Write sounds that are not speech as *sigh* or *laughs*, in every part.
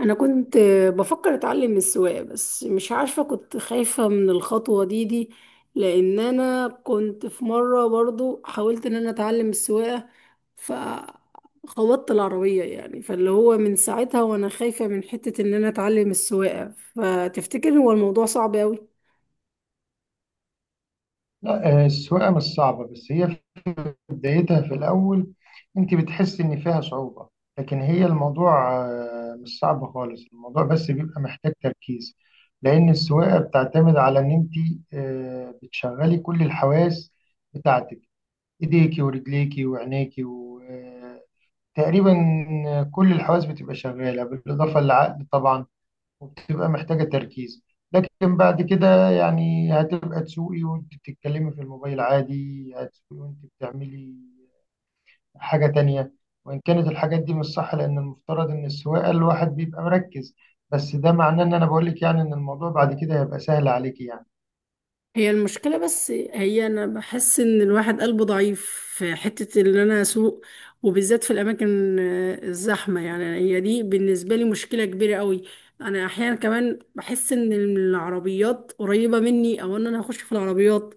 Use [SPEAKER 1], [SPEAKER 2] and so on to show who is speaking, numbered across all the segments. [SPEAKER 1] انا كنت بفكر اتعلم السواقه، بس مش عارفه كنت خايفه من الخطوه دي. لان انا كنت في مره برضو حاولت ان انا اتعلم السواقه، فخبطت العربيه يعني، فاللي هو من ساعتها وانا خايفه من حته ان انا اتعلم السواقه. فتفتكر هو الموضوع صعب قوي؟
[SPEAKER 2] لا، السواقة مش صعبة بس هي في بدايتها في الأول. أنت بتحس إن فيها صعوبة، لكن هي الموضوع مش صعب خالص. الموضوع بس بيبقى محتاج تركيز، لأن السواقة بتعتمد على إن أنت بتشغلي كل الحواس بتاعتك. إيديكي ورجليكي وعينيكي، وتقريبا كل الحواس بتبقى شغالة بالإضافة للعقل طبعا، وبتبقى محتاجة تركيز. لكن بعد كده يعني هتبقى تسوقي وانت بتتكلمي في الموبايل عادي، هتسوقي وانت بتعملي حاجة تانية، وإن كانت الحاجات دي مش صح لأن المفترض إن السواقة الواحد بيبقى مركز. بس ده معناه إن أنا بقولك يعني إن الموضوع بعد كده هيبقى سهل عليكي يعني.
[SPEAKER 1] هي المشكلة، بس هي أنا بحس إن الواحد قلبه ضعيف في حتة إن أنا أسوق، وبالذات في الأماكن الزحمة، يعني هي دي بالنسبة لي مشكلة كبيرة قوي. أنا أحيانا كمان بحس إن العربيات قريبة مني، أو إن أنا هخش في العربيات.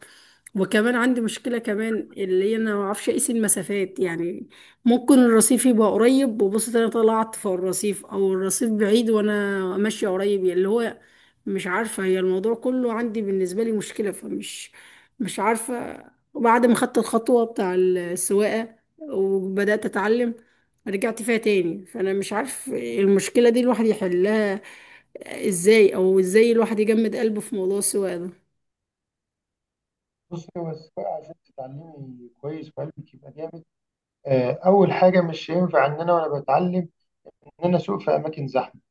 [SPEAKER 1] وكمان عندي مشكلة كمان اللي هي أنا ما أعرفش أقيس المسافات، يعني ممكن الرصيف يبقى قريب وبص أنا طلعت في الرصيف، أو الرصيف بعيد وأنا ماشية قريب، يعني اللي هو مش عارفة. هي الموضوع كله عندي بالنسبة لي مشكلة، فمش مش عارفة. وبعد ما خدت الخطوة بتاع السواقة وبدأت أتعلم، رجعت فيها تاني. فأنا مش عارف المشكلة دي الواحد يحلها إزاي، أو إزاي الواحد يجمد قلبه في موضوع السواقة ده.
[SPEAKER 2] بصي هو السواقة عشان تتعلمي كويس وقلبك يبقى جامد، أول حاجة مش هينفع إن أنا وأنا بتعلم إن أنا أسوق في أماكن زحمة.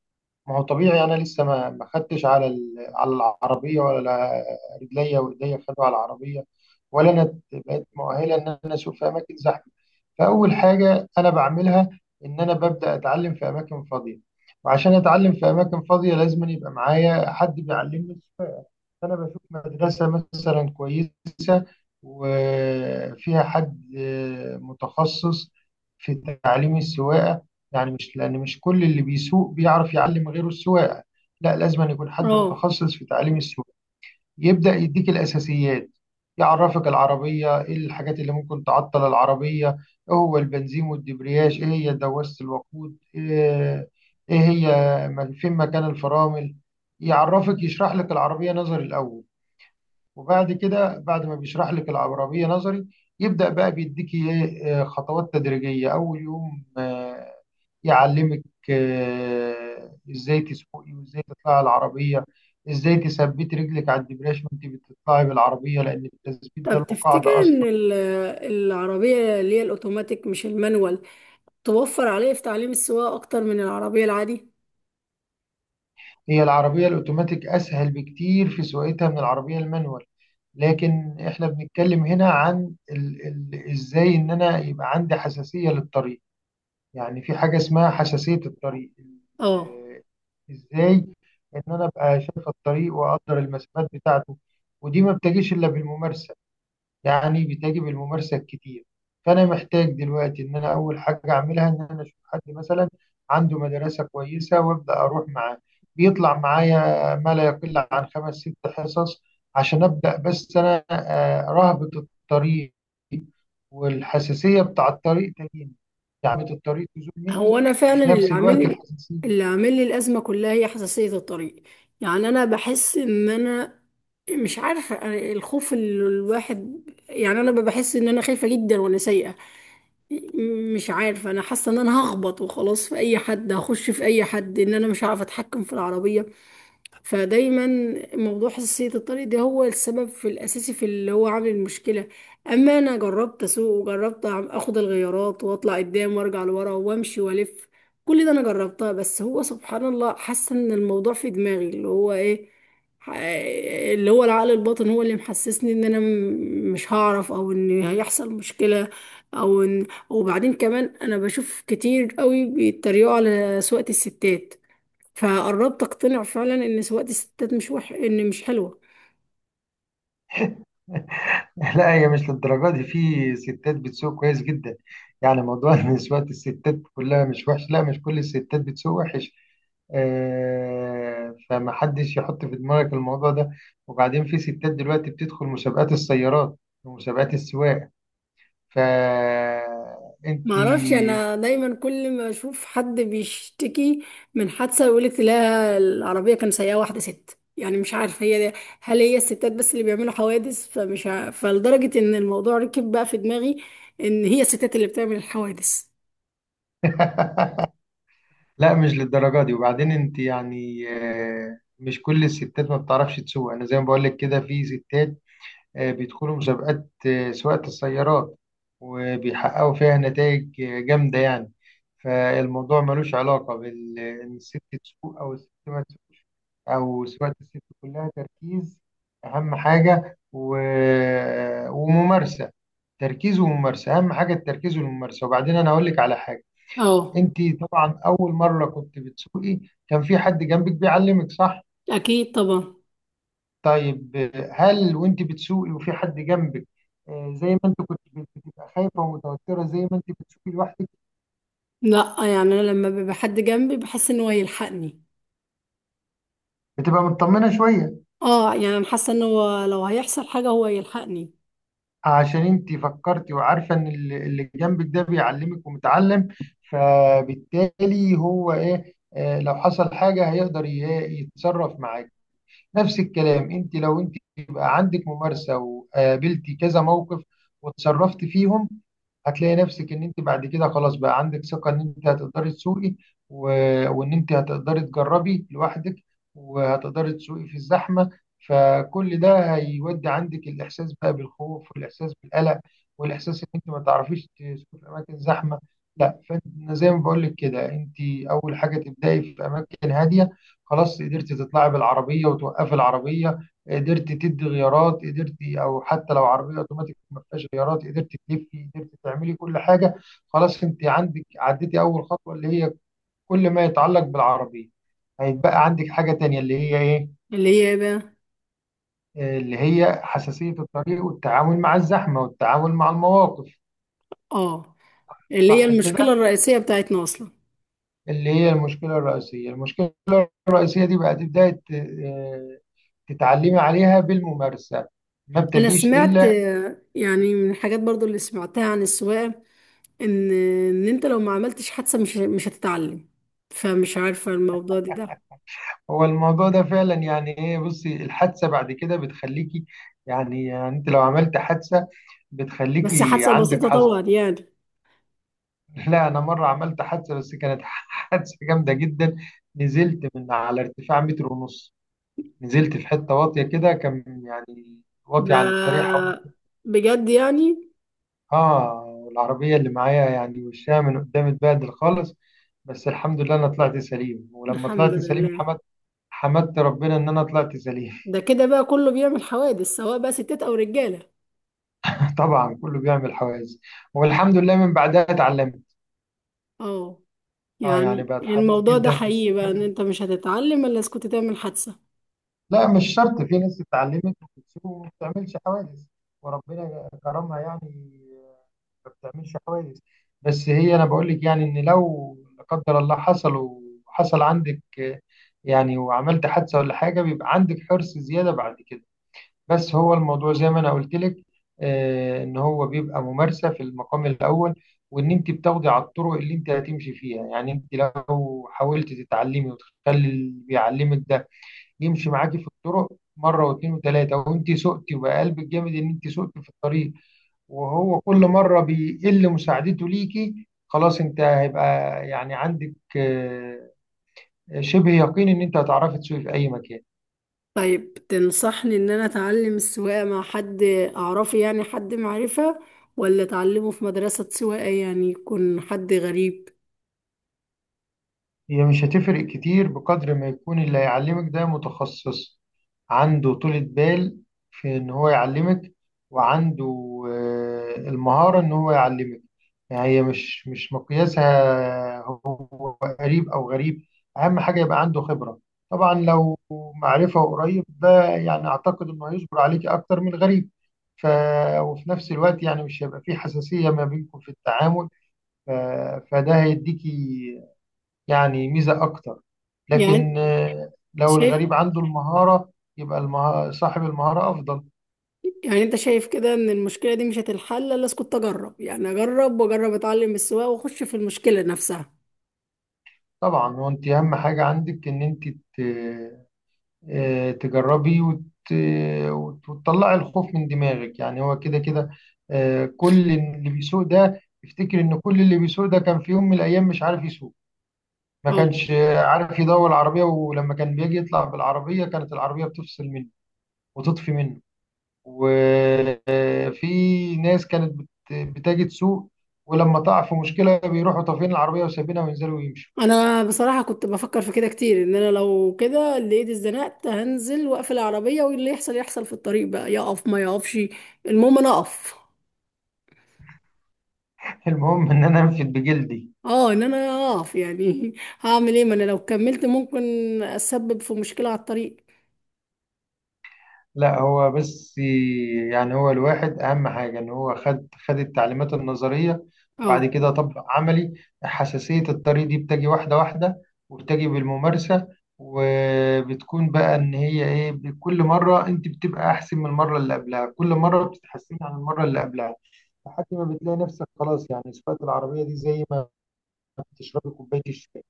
[SPEAKER 2] ما هو طبيعي انا لسه ما خدتش على على العربيه، ولا رجليا خدوا على العربيه، ولا انا بقيت مؤهله ان انا اسوق في اماكن زحمه. فاول حاجه انا بعملها ان انا ببدا اتعلم في اماكن فاضيه، وعشان اتعلم في اماكن فاضيه لازم أن يبقى معايا حد بيعلمني السواقه. أنا بشوف مدرسة مثلا كويسة، وفيها حد متخصص في تعليم السواقة. يعني مش لأن مش كل اللي بيسوق بيعرف يعلم غيره السواقة، لا لازم أن يكون حد
[SPEAKER 1] اه،
[SPEAKER 2] متخصص في تعليم السواقة. يبدأ يديك الأساسيات، يعرفك العربية إيه الحاجات اللي ممكن تعطل العربية، إيه هو البنزين والدبرياج، إيه هي دواسة الوقود، إيه هي فين مكان الفرامل. يعرفك يشرح لك العربية نظري الأول، وبعد كده بعد ما بيشرح لك العبرمية نظري يبدأ بقى بيديكي ايه خطوات تدريجية. أول يوم يعلمك ازاي تسوقي وازاي تطلعي العربية، ازاي تثبتي رجلك على الدبريش وانت بتطلعي بالعربية لأن التثبيت ده له
[SPEAKER 1] طب تفتكر
[SPEAKER 2] قاعدة
[SPEAKER 1] إن
[SPEAKER 2] أصلا.
[SPEAKER 1] العربية اللي هي الأوتوماتيك مش المانوال توفر عليه في تعليم السواقة أكتر من العربية العادي؟
[SPEAKER 2] هي العربية الأوتوماتيك أسهل بكتير في سواقتها من العربية المانوال. لكن احنا بنتكلم هنا عن ال ازاي ان انا يبقى عندي حساسية للطريق. يعني في حاجة اسمها حساسية الطريق
[SPEAKER 1] اه.
[SPEAKER 2] ازاي ان انا ابقى شايف الطريق واقدر المسافات بتاعته. ودي ما بتجيش الا بالممارسة، يعني بتجي بالممارسة الكتير. فانا محتاج دلوقتي ان انا اول حاجة اعملها ان انا اشوف حد مثلا عنده مدرسة كويسة وابدا اروح معاه، بيطلع معايا ما لا يقل عن خمس ست حصص عشان ابدا. بس انا رهبة الطريق والحساسية بتاع الطريق تجيني، يعني الطريق تزول
[SPEAKER 1] هو
[SPEAKER 2] مني
[SPEAKER 1] انا فعلا
[SPEAKER 2] وفي
[SPEAKER 1] اللي
[SPEAKER 2] نفس
[SPEAKER 1] عامل
[SPEAKER 2] الوقت
[SPEAKER 1] لي اللي
[SPEAKER 2] الحساسية.
[SPEAKER 1] عامل لي الازمه كلها هي حساسيه الطريق. يعني انا بحس ان انا مش عارفه، أنا الخوف اللي الواحد، يعني انا بحس ان انا خايفه جدا وانا سايقه. مش عارفه، انا حاسه ان انا هخبط وخلاص في اي حد، هخش في اي حد، ان انا مش عارفه اتحكم في العربيه. فدايما موضوع حساسية الطريق ده هو السبب في الأساسي في اللي هو عامل المشكلة. أما أنا جربت أسوق، وجربت أخد الغيارات وأطلع قدام وأرجع لورا وأمشي وألف، كل ده أنا جربتها. بس هو سبحان الله، حاسة إن الموضوع في دماغي اللي هو إيه، ح- اللي هو العقل الباطن هو اللي محسسني إن أنا مش هعرف، أو إن هيحصل مشكلة، أو إن وبعدين كمان أنا بشوف كتير قوي بيتريقوا على سواقة الستات، فقربت اقتنع فعلا ان سواقة الستات مش ان مش حلوة.
[SPEAKER 2] *laughs* لا هي مش للدرجة دي. في ستات بتسوق كويس جدا، يعني موضوع ان سواقة الستات كلها مش وحش، لا مش كل الستات بتسوق وحش. فمحدش يحط في دماغك الموضوع ده. وبعدين في ستات دلوقتي بتدخل مسابقات السيارات ومسابقات السواقة، فانت.
[SPEAKER 1] معرفش، انا دايما كل ما اشوف حد بيشتكي من حادثة، يقولك لا العربية كان سايقة واحدة ست. يعني مش عارفة هي دي، هل هي الستات بس اللي بيعملوا حوادث؟ فلدرجة ان الموضوع ركب بقى في دماغي ان هي الستات اللي بتعمل الحوادث.
[SPEAKER 2] *laughs* لا مش للدرجة دي. وبعدين انت يعني مش كل الستات ما بتعرفش تسوق. انا زي ما بقول لك كده في ستات بيدخلوا مسابقات سواقة السيارات، وبيحققوا فيها نتائج جامدة يعني. فالموضوع ملوش علاقة بال ان الست تسوق او الست ما تسوق، او سواقة الست كلها تركيز. اهم حاجة و... آه، وممارسة، تركيز وممارسة. اهم حاجة التركيز والممارسة. وبعدين انا هقول لك على حاجة.
[SPEAKER 1] اه،
[SPEAKER 2] انت طبعا اول مره كنت بتسوقي كان في حد جنبك بيعلمك، صح؟
[SPEAKER 1] اكيد طبعا.
[SPEAKER 2] طيب هل وانت بتسوقي وفي حد جنبك زي ما انت كنت بتبقى خايفه ومتوتره زي ما انت بتسوقي لوحدك؟
[SPEAKER 1] لا، يعني انا لما بيبقى حد جنبي بحس ان هو يلحقني.
[SPEAKER 2] بتبقى مطمنه شويه
[SPEAKER 1] اه، يعني انا حاسة ان هو لو هيحصل حاجة هو يلحقني.
[SPEAKER 2] عشان انت فكرتي وعارفه ان اللي جنبك ده بيعلمك ومتعلم، فبالتالي هو ايه لو حصل حاجه هيقدر يتصرف معاك. نفس الكلام انت لو انت يبقى عندك ممارسه وقابلتي كذا موقف وتصرفت فيهم، هتلاقي نفسك ان انت بعد كده خلاص بقى عندك ثقه ان انت هتقدري تسوقي، و... وان انت هتقدري تجربي لوحدك، وهتقدري تسوقي في الزحمه. فكل ده هيودي عندك الاحساس بقى بالخوف والاحساس بالقلق والاحساس ان انت ما تعرفيش تسوقي في اماكن زحمه. لا فانت زي ما بقول لك كده انت اول حاجه تبداي في اماكن هاديه. خلاص قدرت تطلعي بالعربية وتوقفي العربية، قدرت تدي غيارات، قدرت أو حتى لو عربية أوتوماتيك ما فيهاش غيارات قدرت تلفي، قدرت تعملي كل حاجة، خلاص أنت عندك عديتي أول خطوة اللي هي كل ما يتعلق بالعربية. هيتبقى عندك حاجة تانية اللي هي إيه؟
[SPEAKER 1] اللي هي إيه بقى؟
[SPEAKER 2] اللي هي حساسية الطريق والتعامل مع الزحمة والتعامل مع المواقف.
[SPEAKER 1] اه، اللي هي
[SPEAKER 2] صح كده.
[SPEAKER 1] المشكلة الرئيسية بتاعتنا أصلا.
[SPEAKER 2] اللي هي المشكلة الرئيسية. المشكلة الرئيسية دي بقى تبدأي تتعلمي عليها بالممارسة، ما
[SPEAKER 1] أنا
[SPEAKER 2] بتجيش
[SPEAKER 1] سمعت
[SPEAKER 2] إلا.
[SPEAKER 1] يعني من الحاجات برضو اللي سمعتها عن السواقة، إن إن أنت لو ما عملتش حادثة مش هتتعلم. فمش عارفة الموضوع دي ده.
[SPEAKER 2] هو الموضوع ده فعلا يعني ايه، بصي الحادثه بعد كده بتخليكي، يعني انت لو عملت حادثه
[SPEAKER 1] بس
[SPEAKER 2] بتخليكي
[SPEAKER 1] حادثة
[SPEAKER 2] عندك
[SPEAKER 1] بسيطة
[SPEAKER 2] حذر.
[SPEAKER 1] طبعا يعني.
[SPEAKER 2] *laughs* لا انا مره عملت حادثه بس كانت *laughs* حادثه جامده جدا. نزلت من على ارتفاع متر ونص، نزلت في حته واطيه كده، كان يعني واطيه
[SPEAKER 1] ده
[SPEAKER 2] عن الطريق حوالي.
[SPEAKER 1] بجد يعني؟
[SPEAKER 2] اه العربيه اللي معايا يعني وشها من قدام اتبهدل خالص. بس الحمد لله انا طلعت سليم، ولما
[SPEAKER 1] الحمد
[SPEAKER 2] طلعت سليم
[SPEAKER 1] لله.
[SPEAKER 2] حمدت ربنا ان انا طلعت سليم.
[SPEAKER 1] ده كده بقى كله بيعمل حوادث، سواء بقى ستات أو رجالة.
[SPEAKER 2] طبعا كله بيعمل حواجز، والحمد لله من بعدها اتعلمت.
[SPEAKER 1] اه،
[SPEAKER 2] اه يعني
[SPEAKER 1] يعني
[SPEAKER 2] بقت حريص
[SPEAKER 1] الموضوع ده
[SPEAKER 2] جدا في السوق.
[SPEAKER 1] حقيقي بقى إن أنت مش هتتعلم إلا إذا كنت تعمل حادثة؟
[SPEAKER 2] لا مش شرط، في ناس اتعلمت وبتسوق وما بتعملش حواجز، وربنا كرمها يعني ما بتعملش حواجز. بس هي انا بقول لك يعني ان لو لا قدر الله حصل وحصل عندك يعني وعملت حادثه ولا حاجه، بيبقى عندك حرص زياده بعد كده. بس هو الموضوع زي ما انا قلت لك ان هو بيبقى ممارسه في المقام الاول. وان انت بتاخدي على الطرق اللي انت هتمشي فيها، يعني انت لو حاولت تتعلمي وتخلي اللي بيعلمك ده يمشي معاكي في الطرق مره واثنين وثلاثه وانت سقتي، وبقى قلبك جامد ان انت سقتي في الطريق، وهو كل مره بيقل مساعدته ليكي، خلاص انت هيبقى يعني عندك شبه يقين ان انت هتعرفي تسوقي في اي مكان.
[SPEAKER 1] طيب، تنصحني ان انا اتعلم السواقة مع حد اعرفه، يعني حد معرفة، ولا اتعلمه في مدرسة سواقة يعني يكون حد غريب؟
[SPEAKER 2] هي مش هتفرق كتير بقدر ما يكون اللي هيعلمك ده متخصص، عنده طولة بال في إن هو يعلمك، وعنده المهارة إن هو يعلمك. يعني هي مش مقياسها هو قريب أو غريب. أهم حاجة يبقى عنده خبرة. طبعا لو معرفة وقريب ده يعني أعتقد إنه هيصبر عليك أكتر من الغريب، ف... وفي نفس الوقت يعني مش هيبقى فيه حساسية ما بينكم في التعامل، ف... فده هيديكي يعني ميزة أكتر.
[SPEAKER 1] يعني
[SPEAKER 2] لكن لو
[SPEAKER 1] شايف.
[SPEAKER 2] الغريب عنده المهارة يبقى المهارة، صاحب المهارة أفضل.
[SPEAKER 1] يعني انت شايف كده ان المشكلة دي مش هتتحل الا اسكت اجرب، يعني اجرب واجرب، اتعلم السواقة واخش في المشكلة نفسها.
[SPEAKER 2] طبعا وأنت أهم حاجة عندك إن أنت تجربي وتطلعي الخوف من دماغك. يعني هو كده كده كل اللي بيسوق ده يفتكر إن كل اللي بيسوق ده كان في يوم من الأيام مش عارف يسوق. ما
[SPEAKER 1] اه،
[SPEAKER 2] كانش عارف يدور العربية، ولما كان بيجي يطلع بالعربية كانت العربية بتفصل منه وتطفي منه. في ناس كانت بتجد سوق، ولما تقع في مشكلة بيروحوا طافين العربية وسابينها وينزلوا ويمشوا.
[SPEAKER 1] انا بصراحة كنت بفكر في كده كتير، ان انا لو كده اللي ايدي اتزنقت هنزل واقفل العربية، واللي يحصل يحصل في الطريق، بقى يقف ما يقفش، المهم انا اقف.
[SPEAKER 2] *laughs* المهم إن أنا أنفد بجلدي.
[SPEAKER 1] اه، ان انا اقف يعني *laughs* هعمل ايه، ما انا لو كملت ممكن اسبب في مشكلة على الطريق.
[SPEAKER 2] لا هو بس يعني هو الواحد أهم حاجة إن هو خد التعليمات النظرية وبعد
[SPEAKER 1] اه،
[SPEAKER 2] كده طبق عملي. حساسية الطريق دي بتجي واحدة واحدة، وبتجي بالممارسة. وبتكون بقى إن هي إيه كل مرة أنت بتبقى أحسن من المرة اللي قبلها، كل مرة بتتحسني عن المرة اللي قبلها، لحد ما بتلاقي نفسك خلاص. يعني سواقة العربية دي زي ما بتشربي كوباية الشاي،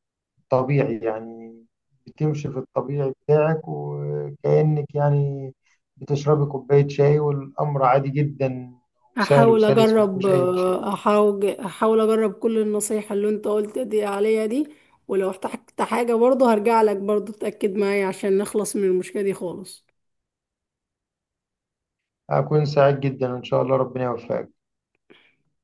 [SPEAKER 2] طبيعي يعني بتمشي في الطبيعي بتاعك، وكأنك يعني بتشربي كوباية شاي والأمر عادي جدا وسهل
[SPEAKER 1] احاول
[SPEAKER 2] وسلس
[SPEAKER 1] اجرب
[SPEAKER 2] ومفيهوش أي مشاكل.
[SPEAKER 1] احاول اجرب كل النصايح اللي انت قلت دي عليا دي. ولو احتجت حاجة برضه هرجع لك برضه، تأكد معايا عشان نخلص من المشكلة دي خالص.
[SPEAKER 2] هكون سعيد جدا وإن شاء الله ربنا يوفقك.